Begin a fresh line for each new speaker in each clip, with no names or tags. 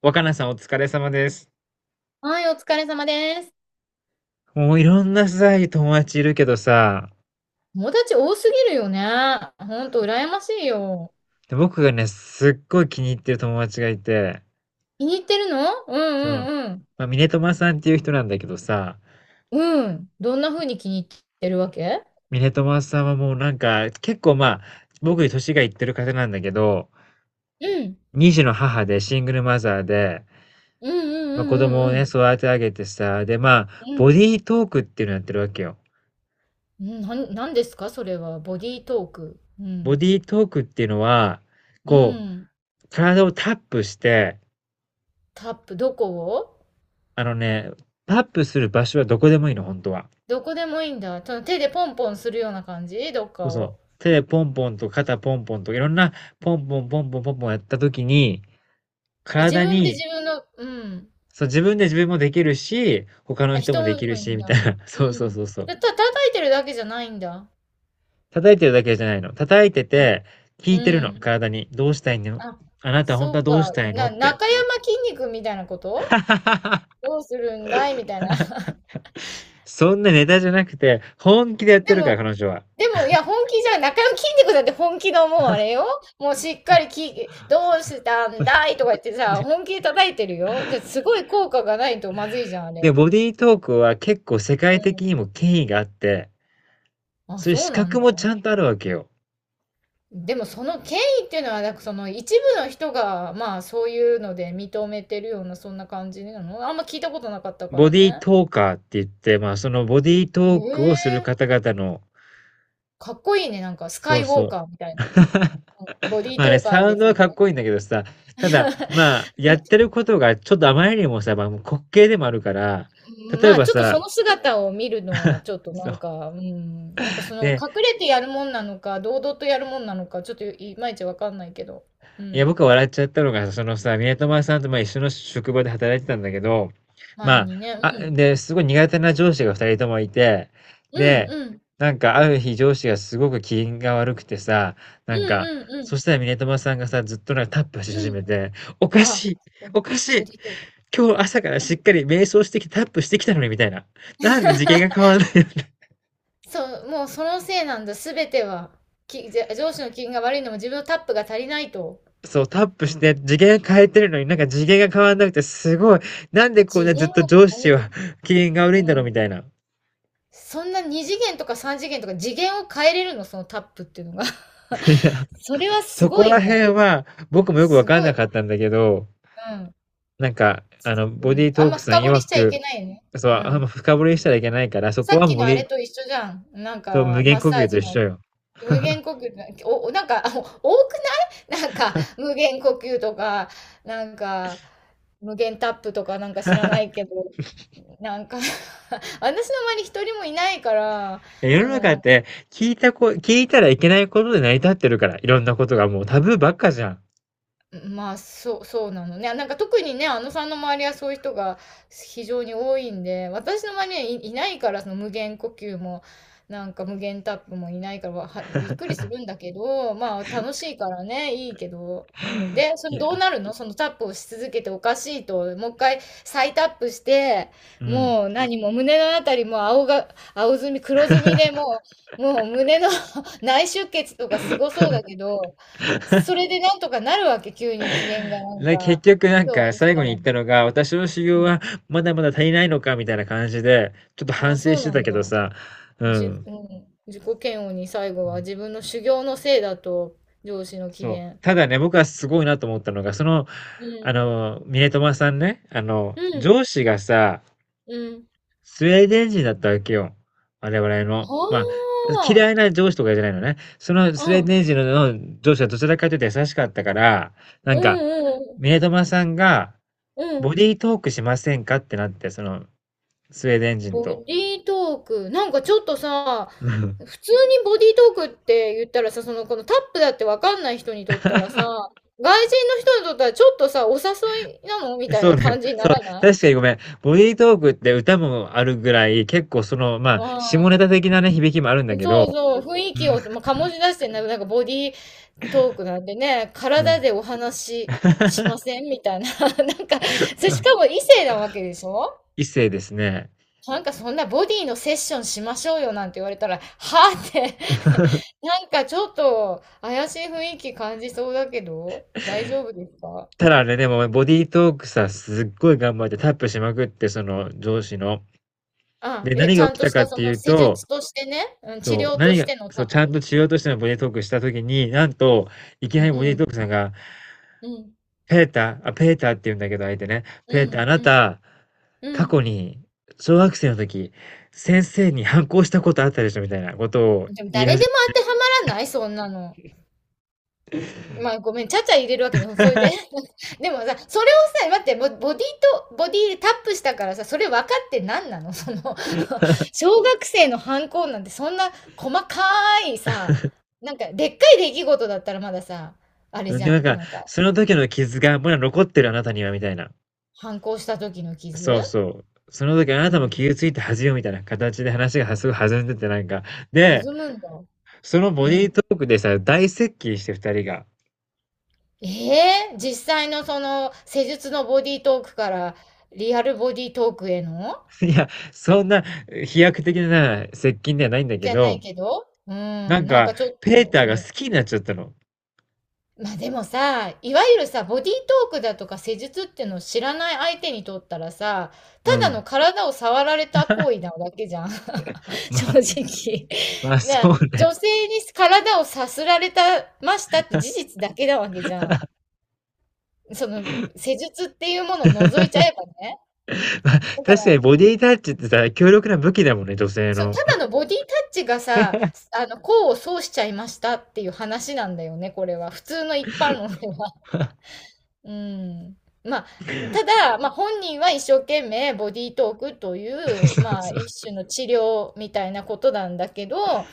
若菜さんお疲れ様です。
はい、お疲れ様です。
もういろんなさ、友達いるけどさ、
友達多すぎるよね。ほんと、羨ましいよ。
で僕がね、すっごい気に入ってる友達がいて、
気に入ってるのう
そう、
んうん
まあ、ミネトマさんっていう人なんだけどさ、
うん。うん。どんな風に気に入ってるわけ。
ミネトマさんはもうなんか、結構まあ、僕より年がいってる方なんだけど、
うん。
二児の母でシングルマザーで、
うんうんう
ま、子
んう
供を
んう
ね、
ん。
育て上げてさ、で、まあ、
う
ボ
ん。
ディートークっていうのやってるわけよ。
うん、なんですかそれは。ボディートーク。う
ボ
ん。
ディートークっていうのは、
う
こう、
ん。
体をタップして
タップ、どこを。
あのね、タップする場所はどこでもいいの、本当は。
どこでもいいんだ。その手でポンポンするような感じどっ
そう
か
そう。
を。
手でポンポンと肩ポンポンといろんなポンポンポンポンポンポンやった時に、
自
体
分で
に、
自分の、うん。
そう、自分で自分もできるし、他の
あ、
人も
人
でき
も
る
いい
し
ん
みた
だ。
いな。
う
そうそう
ん。
そうそう。
叩いてるだけじゃないんだ。
叩いてるだけじゃないの。叩いて
な、
て、聞
う
いてるの、
ん。
体に。どうしたいの、
あ、
あなた本当は
そう
どうし
か。
たいのって。
中山筋肉みたいなこと、 どうするんだいみたいな。
そんなネタじゃなくて、本気でやって
で
るから、
も、
彼女は。
でも、いや、本気じゃん、な筋肉まんだって本気のもうあれよ。もうしっかりき、どうしたんだいとか言ってさ、本 気で叩いてるよ。じゃ、すごい効果がないとまずいじゃん、あ
で、
れ。
ボディートークは結構世
う
界的
ん。
にも権威があって、
あ、
そういう
そう
資
なん
格
だ。
もちゃんとあるわけよ。
でもその権威っていうのは、なんかその一部の人が、まあそういうので認めてるような、そんな感じなの、あんま聞いたことなかったか
ボ
ら
ディー
ね。
トーカーって言って、まあ、そのボディート
へ
ークをする
え。
方々の。
かっこいいね、なんかスカ
そう
イウォ
そ
ー
う。
カーみたいな。うん、ボディー
まあ
ト
ね、
ーカ
サ
ー
ウ
で
ンド
す。
はかっこいいんだけどさ、ただ、まあ、やってることがちょっとあまりにもさ、まあ、もう滑稽でもあるから、例え
まあ
ば
ちょっと
さ、
その姿を見るのはちょっとな
そ
ん
う、
か、うん、なんかその隠
ね、
れてやるもんなのか、堂々とやるもんなのか、ちょっといまいちわかんないけど。う
いや、
ん。
僕は笑っちゃったのが、そのさ、宮友さんとまあ一緒の職場で働いてたんだけど、
前
ま
にね、う
あ、あ、
ん。
で、すごい苦手な上司が二人ともいて、
うん
で、
うん
なんかある日上司がすごく機嫌が悪くてさ、
う
なん
ん
か、
うんう
そ
ん
したら宮友さんがさ、ずっとなんかタップし始
うん。
めて、おか
あ、
しい、
そう
おかし
ボ
い、
ディートーカ
今日朝から
ー。う
し
ん、
っかり瞑想してきてタップしてきたのにみたいな。なんで次元が変わんないの。
そう、もうそのせいなんだ、すべては。じゃ上司の機嫌が悪いのも自分のタップが足りないと。
そう、タップして、次元変えてるのになんか次元が変わんなくて、すごい、なんでこん
次
なずっ
元
と
を
上
変
司
える。
は 機嫌が悪いんだ
う
ろう
ん。
みたいな。い
そんな2次元とか3次元とか次元を変えれるの、そのタップっていうのが。
や、
それはす
そこ
ごい
ら
ね。
辺は僕もよくわ
す
かん
ご
な
い。
かったんだけど、
うん。
ボ
うん。
ディー
あ
ト
ん
ー
ま
クさん
深掘
曰
りしちゃいけ
く、
ないね。
そう、
う
あんま
ん。
深掘りしたらいけないから、そ
さ
こ
っ
はも
き
うボ
のあ
デ
れ
ィ、
と一緒じゃん。なん
そう、無
か、
限
マッ
呼
サ
吸
ー
と
ジ
一緒
の
よ。
無限呼吸、なんか、あ多くないなんか、無限呼吸とか、なんか、無限タップとかなんか知らない けど、なんか 私の周り一人もいないから、
いや、世
そ
の中っ
の、
て聞いたらいけないことで成り立ってるから、いろんなことがもうタブーばっかじゃん。
まあ、そう、そうなのね。なんか特にね、あのさんの周りはそういう人が非常に多いんで、私の周りにないから、その無限呼吸も、なんか無限タップもいないから、びっくりするんだけど、まあ楽しいからね、いいけど。うん。で、そ
い
の
や、
どうなるの、そのタップをし続けておかしいと、もう一回再タップして、
うん。
もう何も胸のあたりも青が、青ずみ、黒ずみでもう、もう胸の 内出血とかすごそうだけど、それでなんとかなるわけ、急に機嫌がなん
な、結
か、
局なん
今日は
か
いい日
最後
だ
に
な、
言っ
み
た
たい
のが、私の修
な。
行
う
は
ん。
まだまだ足りないのかみたいな感じで、ちょっと
あ
反
あ、
省
そ
し
う
て
な
た
ん
けど
だ。
さ、う
う
ん。
ん。自己嫌悪に最後は自分の修行のせいだと、上司の機
そう。
嫌。
ただね、僕はすごいなと思ったのが、その、
う
あ
ん。
の、ミネトマさんね、あの、
うん。
上司がさ、
うん。
スウェーデン人だったわけよ。我々の。
あ
まあ、嫌
あ。
いな上司とかじゃないのね。その
う
スウェー
ん。
デン人の上司はどちらかというと優しかったから、なん
う
か、
んうん
ミネトマさんが、
うん。う
ボ
ん。
ディートークしませんかってなって、その、スウェーデン人
ボデ
と。
ィートーク。なんかちょっとさ、
うん。
普通にボディートークって言ったらさ、その、このタップだってわかんない人にとったらさ、外人の人にとったらちょっとさ、お誘いなのみたい
そう
な
だよ。
感じにな
そう、
らない。
確かにごめん。ボディートークって歌もあるぐらい、結構その、まあ、下ネタ
う
的なね、響きもあるんだ
ん。
け
そう
ど。
そう、雰囲気を、まあ、醸し出してんだけど、なんかボディートークなんでね、
うん、うん。
体でお話ししま せんみたいな。なんか、それしかも異性なわけでしょ。
異性ですね。
なんかそんなボディのセッションしましょうよなんて言われたら、はぁって、なんかちょっと怪しい雰囲気感じそうだけど、大丈夫ですか。
ただあれでもボディートークさ、すっごい頑張ってタップしまくって、その上司の。
あ、
で、
え、
何
ち
が
ゃん
起き
と
た
し
か
た
っ
そ
てい
の
う
施
と、
術としてね、うん、治
そう、
療と
何
し
が、
ての
そう、
タ
ち
ッ
ゃん
プ。
としようとしてのボディートークした時に、なんと、いきなり
うん、
ボデ
う
ィート
ん、
ークさんが
うん、
ペーター、あ、ペーターって言うんだけど、相手ね。
う
ペーター、
ん、
あな
うん。
た、
う
過
ん、
去に、小学生の時、先生に反抗したことあったでしょみたいなことを。
でも誰でも当てはまらないそんなの。まあごめん、ちゃちゃ入れるわけでも、それで。でもさ、それをさ、待って、ボディでタップしたからさ、それ分かって何なのその 小学生の反抗なんてそんな細かいさ、なんかでっかい出来事だったらまださ、あれ
うん
じ
で、
ゃ
なん
ん。
か、
なんか、
その時の傷がまだ残ってるあなたには、みたいな。
反抗した時の傷。
そうそう。その時あ
う
なたも
ん。
傷ついて恥よ、みたいな形で話がすごい弾んでて、なんか。
弾
で、
むんだ。
そのボ
う
ディート
ん。
ークでさ、大接近して二人が。
ええ、実際のその施術のボディートークからリアルボディートークへの、
いや、そんな飛躍的な接近ではないんだけ
じゃない
ど、
けど、う
なん
ん、なん
か、
かちょっ
ペー
と、
ター
う
が
ん。
好きになっちゃったの。
ま、あでもさ、いわゆるさ、ボディートークだとか施術っていうのを知らない相手にとったらさ、
う
ただ
ん。
の体を触られた行為 なだけじゃん。
ま
正
あ
直。
まあ、そ
な、
うね。
女性に体をさすられたましたって事実だけなわけじゃん。その施術っていうものを除いちゃえばね。
まあ、
だから、
確かにボディタッチってさ、強力な武器だもんね、女性
そう、
の。
ただのボディタッチがさ、あの、功を奏しちゃいましたっていう話なんだよね、これは。普通の一般論では。うん。まあ、ただ、まあ、本人は一生懸命ボディートークという、
そう
まあ、
そう。
一種の治療みたいなことなんだけど、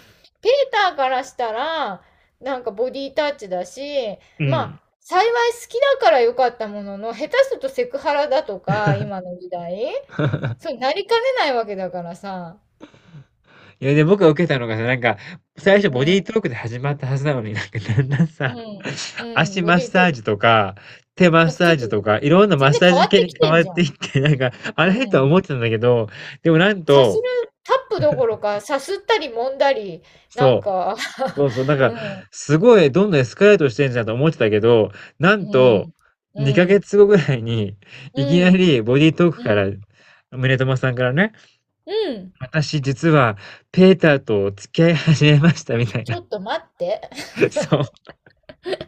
ペーターからしたら、なんかボディータッチだし、
う
ま
ん。
あ、幸い好きだから良かったものの、下手するとセクハラだとか、今の時代、そうなりかねないわけだからさ、
いや、で、僕が受けたのがさ、なんか、最初
う
ボディー
ん、
トークで始まったはずなのに、なんかだんだん
う
さ、
ん、うん、
足
ボ
マッ
ディー
サ
トー
ー
ク、
ジとか、手マッ
なんか
サ
ちょ
ー
っと
ジとか、いろんなマ
全
ッ
然
サー
変わ
ジ
っ
系
て
に
き
変
てん
わっ
じゃん。
ていって、なんか、あれ？と
う
は
ん、
思ってたんだけど、でもなん
さす
と、
る、タップどころか、さすったり揉んだり、なん
そう。
か
そうそう、なん
う
か、
ん、
すごいどんどんエスカレートしてんじゃんと思ってたけど、な
う
んと、
ん、
2
う
ヶ
ん、
月後ぐらいに、いき
う
な
ん、
りボディートーク
う
から、
ん、
宗友さんからね、
うん。
私実はペーターと付き合い始めましたみたい
ちょ
な。
っと待って。
そう、
タッ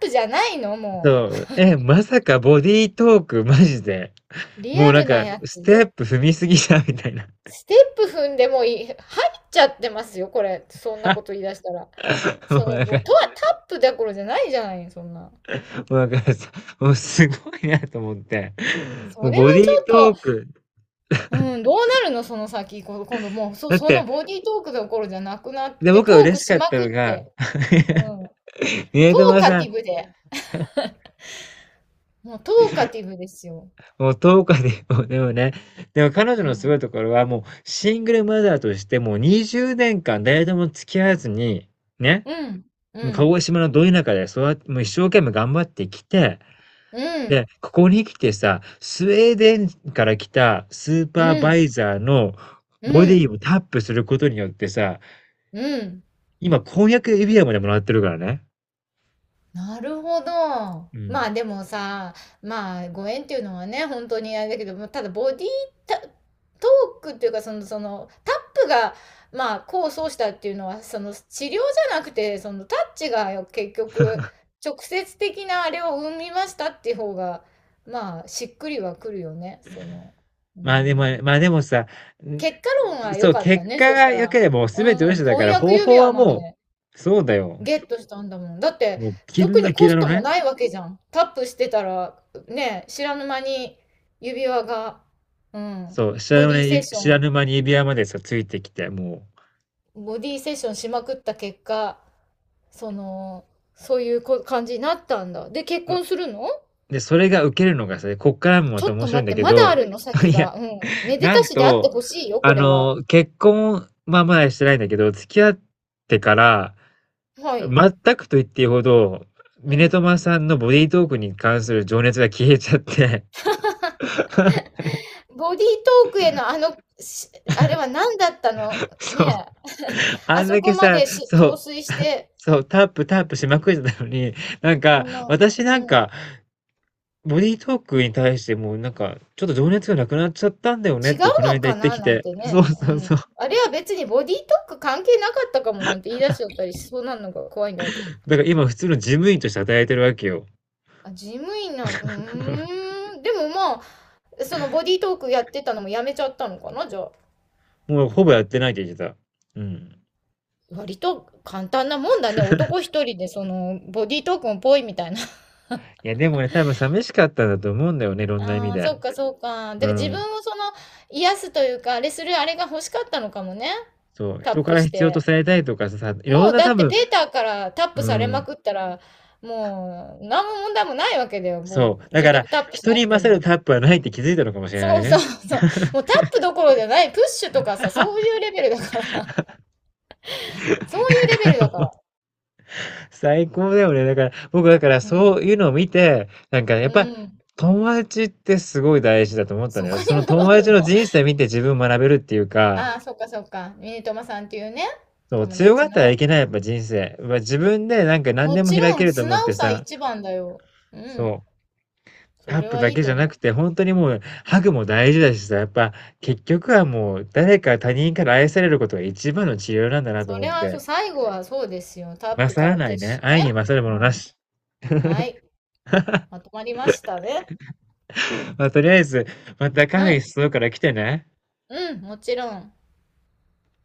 プじゃないの
そ
もう。
う。え、まさかボディートークマジで、
リ
も
ア
うなん
ルな
か、
やつ、
ステップ踏みすぎじゃんみたいな。
ステップ踏んでもいい。入っちゃってますよ、これ。そんなこと 言い出したら。
も
そ
う
の、
なん
も
か、
う、とはタップどころじゃないじゃない、そんな。
もうなんかさ、もうすごいなと思って。
そ
もう
れは
ボデ
ち
ィー
ょっ
ト
と、
ーク。
うん、どうなるの、その先。今度もう、
だっ
そ
て
のボディートークどころじゃなくなっ
で、
て、
僕
ト
は
ー
嬉
ク
しか
し
っ
ま
た
く
の
っ
が、
て。う ん。
宮
トー
友
カ
さ
テ
ん、
ィブで。もうトーカティブですよ。
もう10日で、もうでもね、でも彼女
う
のすご
ん。
いところは、もうシングルマザーとして、もう20年間誰とも付き合わずに、ね、
うん。う
もう鹿
ん。
児島のど田舎で、そうやって、もう一生懸命頑張ってきて、
うん。
で、ここに来てさ、スウェーデンから来たスー
う
パーバ
ん。
イザーの
う
ボディ
ん。
をタップすることによってさ、
うん。
今、婚約指輪までもらってるからね。
なるほど。
うん。
まあでもさ、まあご縁っていうのはね、本当にあれだけど、もただボディータトークっていうか、その、その、タップが、まあ、功を奏したっていうのは、その、治療じゃなくて、その、タッチが結局、直接的なあれを生みましたっていう方が、まあ、しっくりはくるよね、その、う
まあでも、
ん。
まあでもさ、
結果論は
そ
良
う、
かった
結
ね、
果
そうし
が
た
良
ら。
ければもう全て
うん、
嘘だか
婚
ら、
約
方
指
法
輪
は
ま
も
で。
う、そうだよ。
ゲットしたんだもん。だって、
もう、キ
特
ン
に
ラキ
コ
ラ
ス
の
トも
ね、
ないわけじゃん。タップしてたら、ね、知らぬ間に指輪が、うん、
そう、知
ボ
らぬ
ディセッ
ね、
ショ
知ら
ン、
ぬ間に指輪までさ、ついてきて、も
ボディセッションしまくった結果、その、そういう感じになったんだ。で、結
う、ま、
婚するの。
で、それが受けるのがさ、こっからもま
ちょ
た
っ
面
と
白い
待
ん
っ
だ
て、
け
まだ
ど、
あるの 先
いや、
が。うん。めで
な
た
ん
しであって
と、
ほしいよ、こ
あ
れは。
の、結婚、まあまだしてないんだけど、付き合ってから、
はい。
全くと言っていいほど、
う
ミネ
ん。
トマさんのボディートークに関する情熱が消えちゃって、
ボディートークへのあの、あれは何だったの
そ
ね
う。
え。
あ
あ
ん
そ
だ
こ
け
ま
さ、
で
そ
陶
う、
酔し て、
そう、タップタップしまくってたのに、なん
あ
か、
の、
私なん
うん、
か、ボディートークに対してもうなんか、ちょっと情熱がなくなっちゃったんだよね
違
っ
う
て、この
の
間言っ
か
て
な
き
なん
て。
て
そう
ね、う
そうそ
ん。
う。
あれは別にボディートーク関係なかったかもなんて言い出しちゃったりしそうなのが怖いんだけど。
だから今普通の事務員として働いてるわけよ。
あ、事務員なん、うーん。でもまあ、そのボディートークやってたのもやめちゃったのかな、じゃあ。
もうほぼやってないって言ってた。うん。
割と簡単なもんだね。男一人でそのボディートークもぽいみたいな。
いや、でもね、多分寂しかったんだと思うんだよね、いろんな意味
ああ、
で。
そっかそっか。だか
う
ら自分
ん。
をその癒すというか、あれするあれが欲しかったのかもね。
そう、
タッ
人か
プ
ら
し
必要と
て。
されたいとかさ、いろ
も
ん
う
な
だ
多
って
分、
ペーターからタッ
う
プされま
ん。
くったら、もう何も問題もないわけだよ。
そう。
もう
だ
自
か
分
ら、
でタップし
人
な
に
くて
勝る
も。
タップはないって気づいたのかもしれな
そ
い
うそ
ね。
うそう。もうタップどころじゃない、プッシュとかさ、そういうレベルだから。そういうレベルだから。
最高だよね。だから、僕だから
う
そう
ん。
いうのを見て、なんかねや
う
っぱ
ん。
友達ってすごい大事だと思ったん
そ
だ
こ
よ。その
に
友
戻
達
る
の
の。
人生見て自分学べるっていうか、
ああ、そっかそっか。ミニトマさんっていうね、
そう、
友
強が
達
ったらい
の。
けない、やっぱ人生。まあ自分でなんか何
も
でも
ち
開
ろ
け
ん、
ると
素
思っ
直
て
さ
さ、
一番だよ。うん。
そう、
そ
タッ
れ
プ
は
だ
いい
けじ
と
ゃな
思
く
う。
て、本当にもうハグも大事だしさ、やっぱ結局はもう誰か他人から愛されることが一番の治療なんだなと
そ
思っ
れはそ
て、
う、最後はそうですよ。タップ
勝
か
ら
ら
な
プ
い
ッ
ね。
シュ
愛
ね。
に勝るも
う
のな
ん。
し。
はい。まとまりましたね。
まあとりあえず、またカフ
は
ェに
い。
誘うから来てね。
うん、もちろん。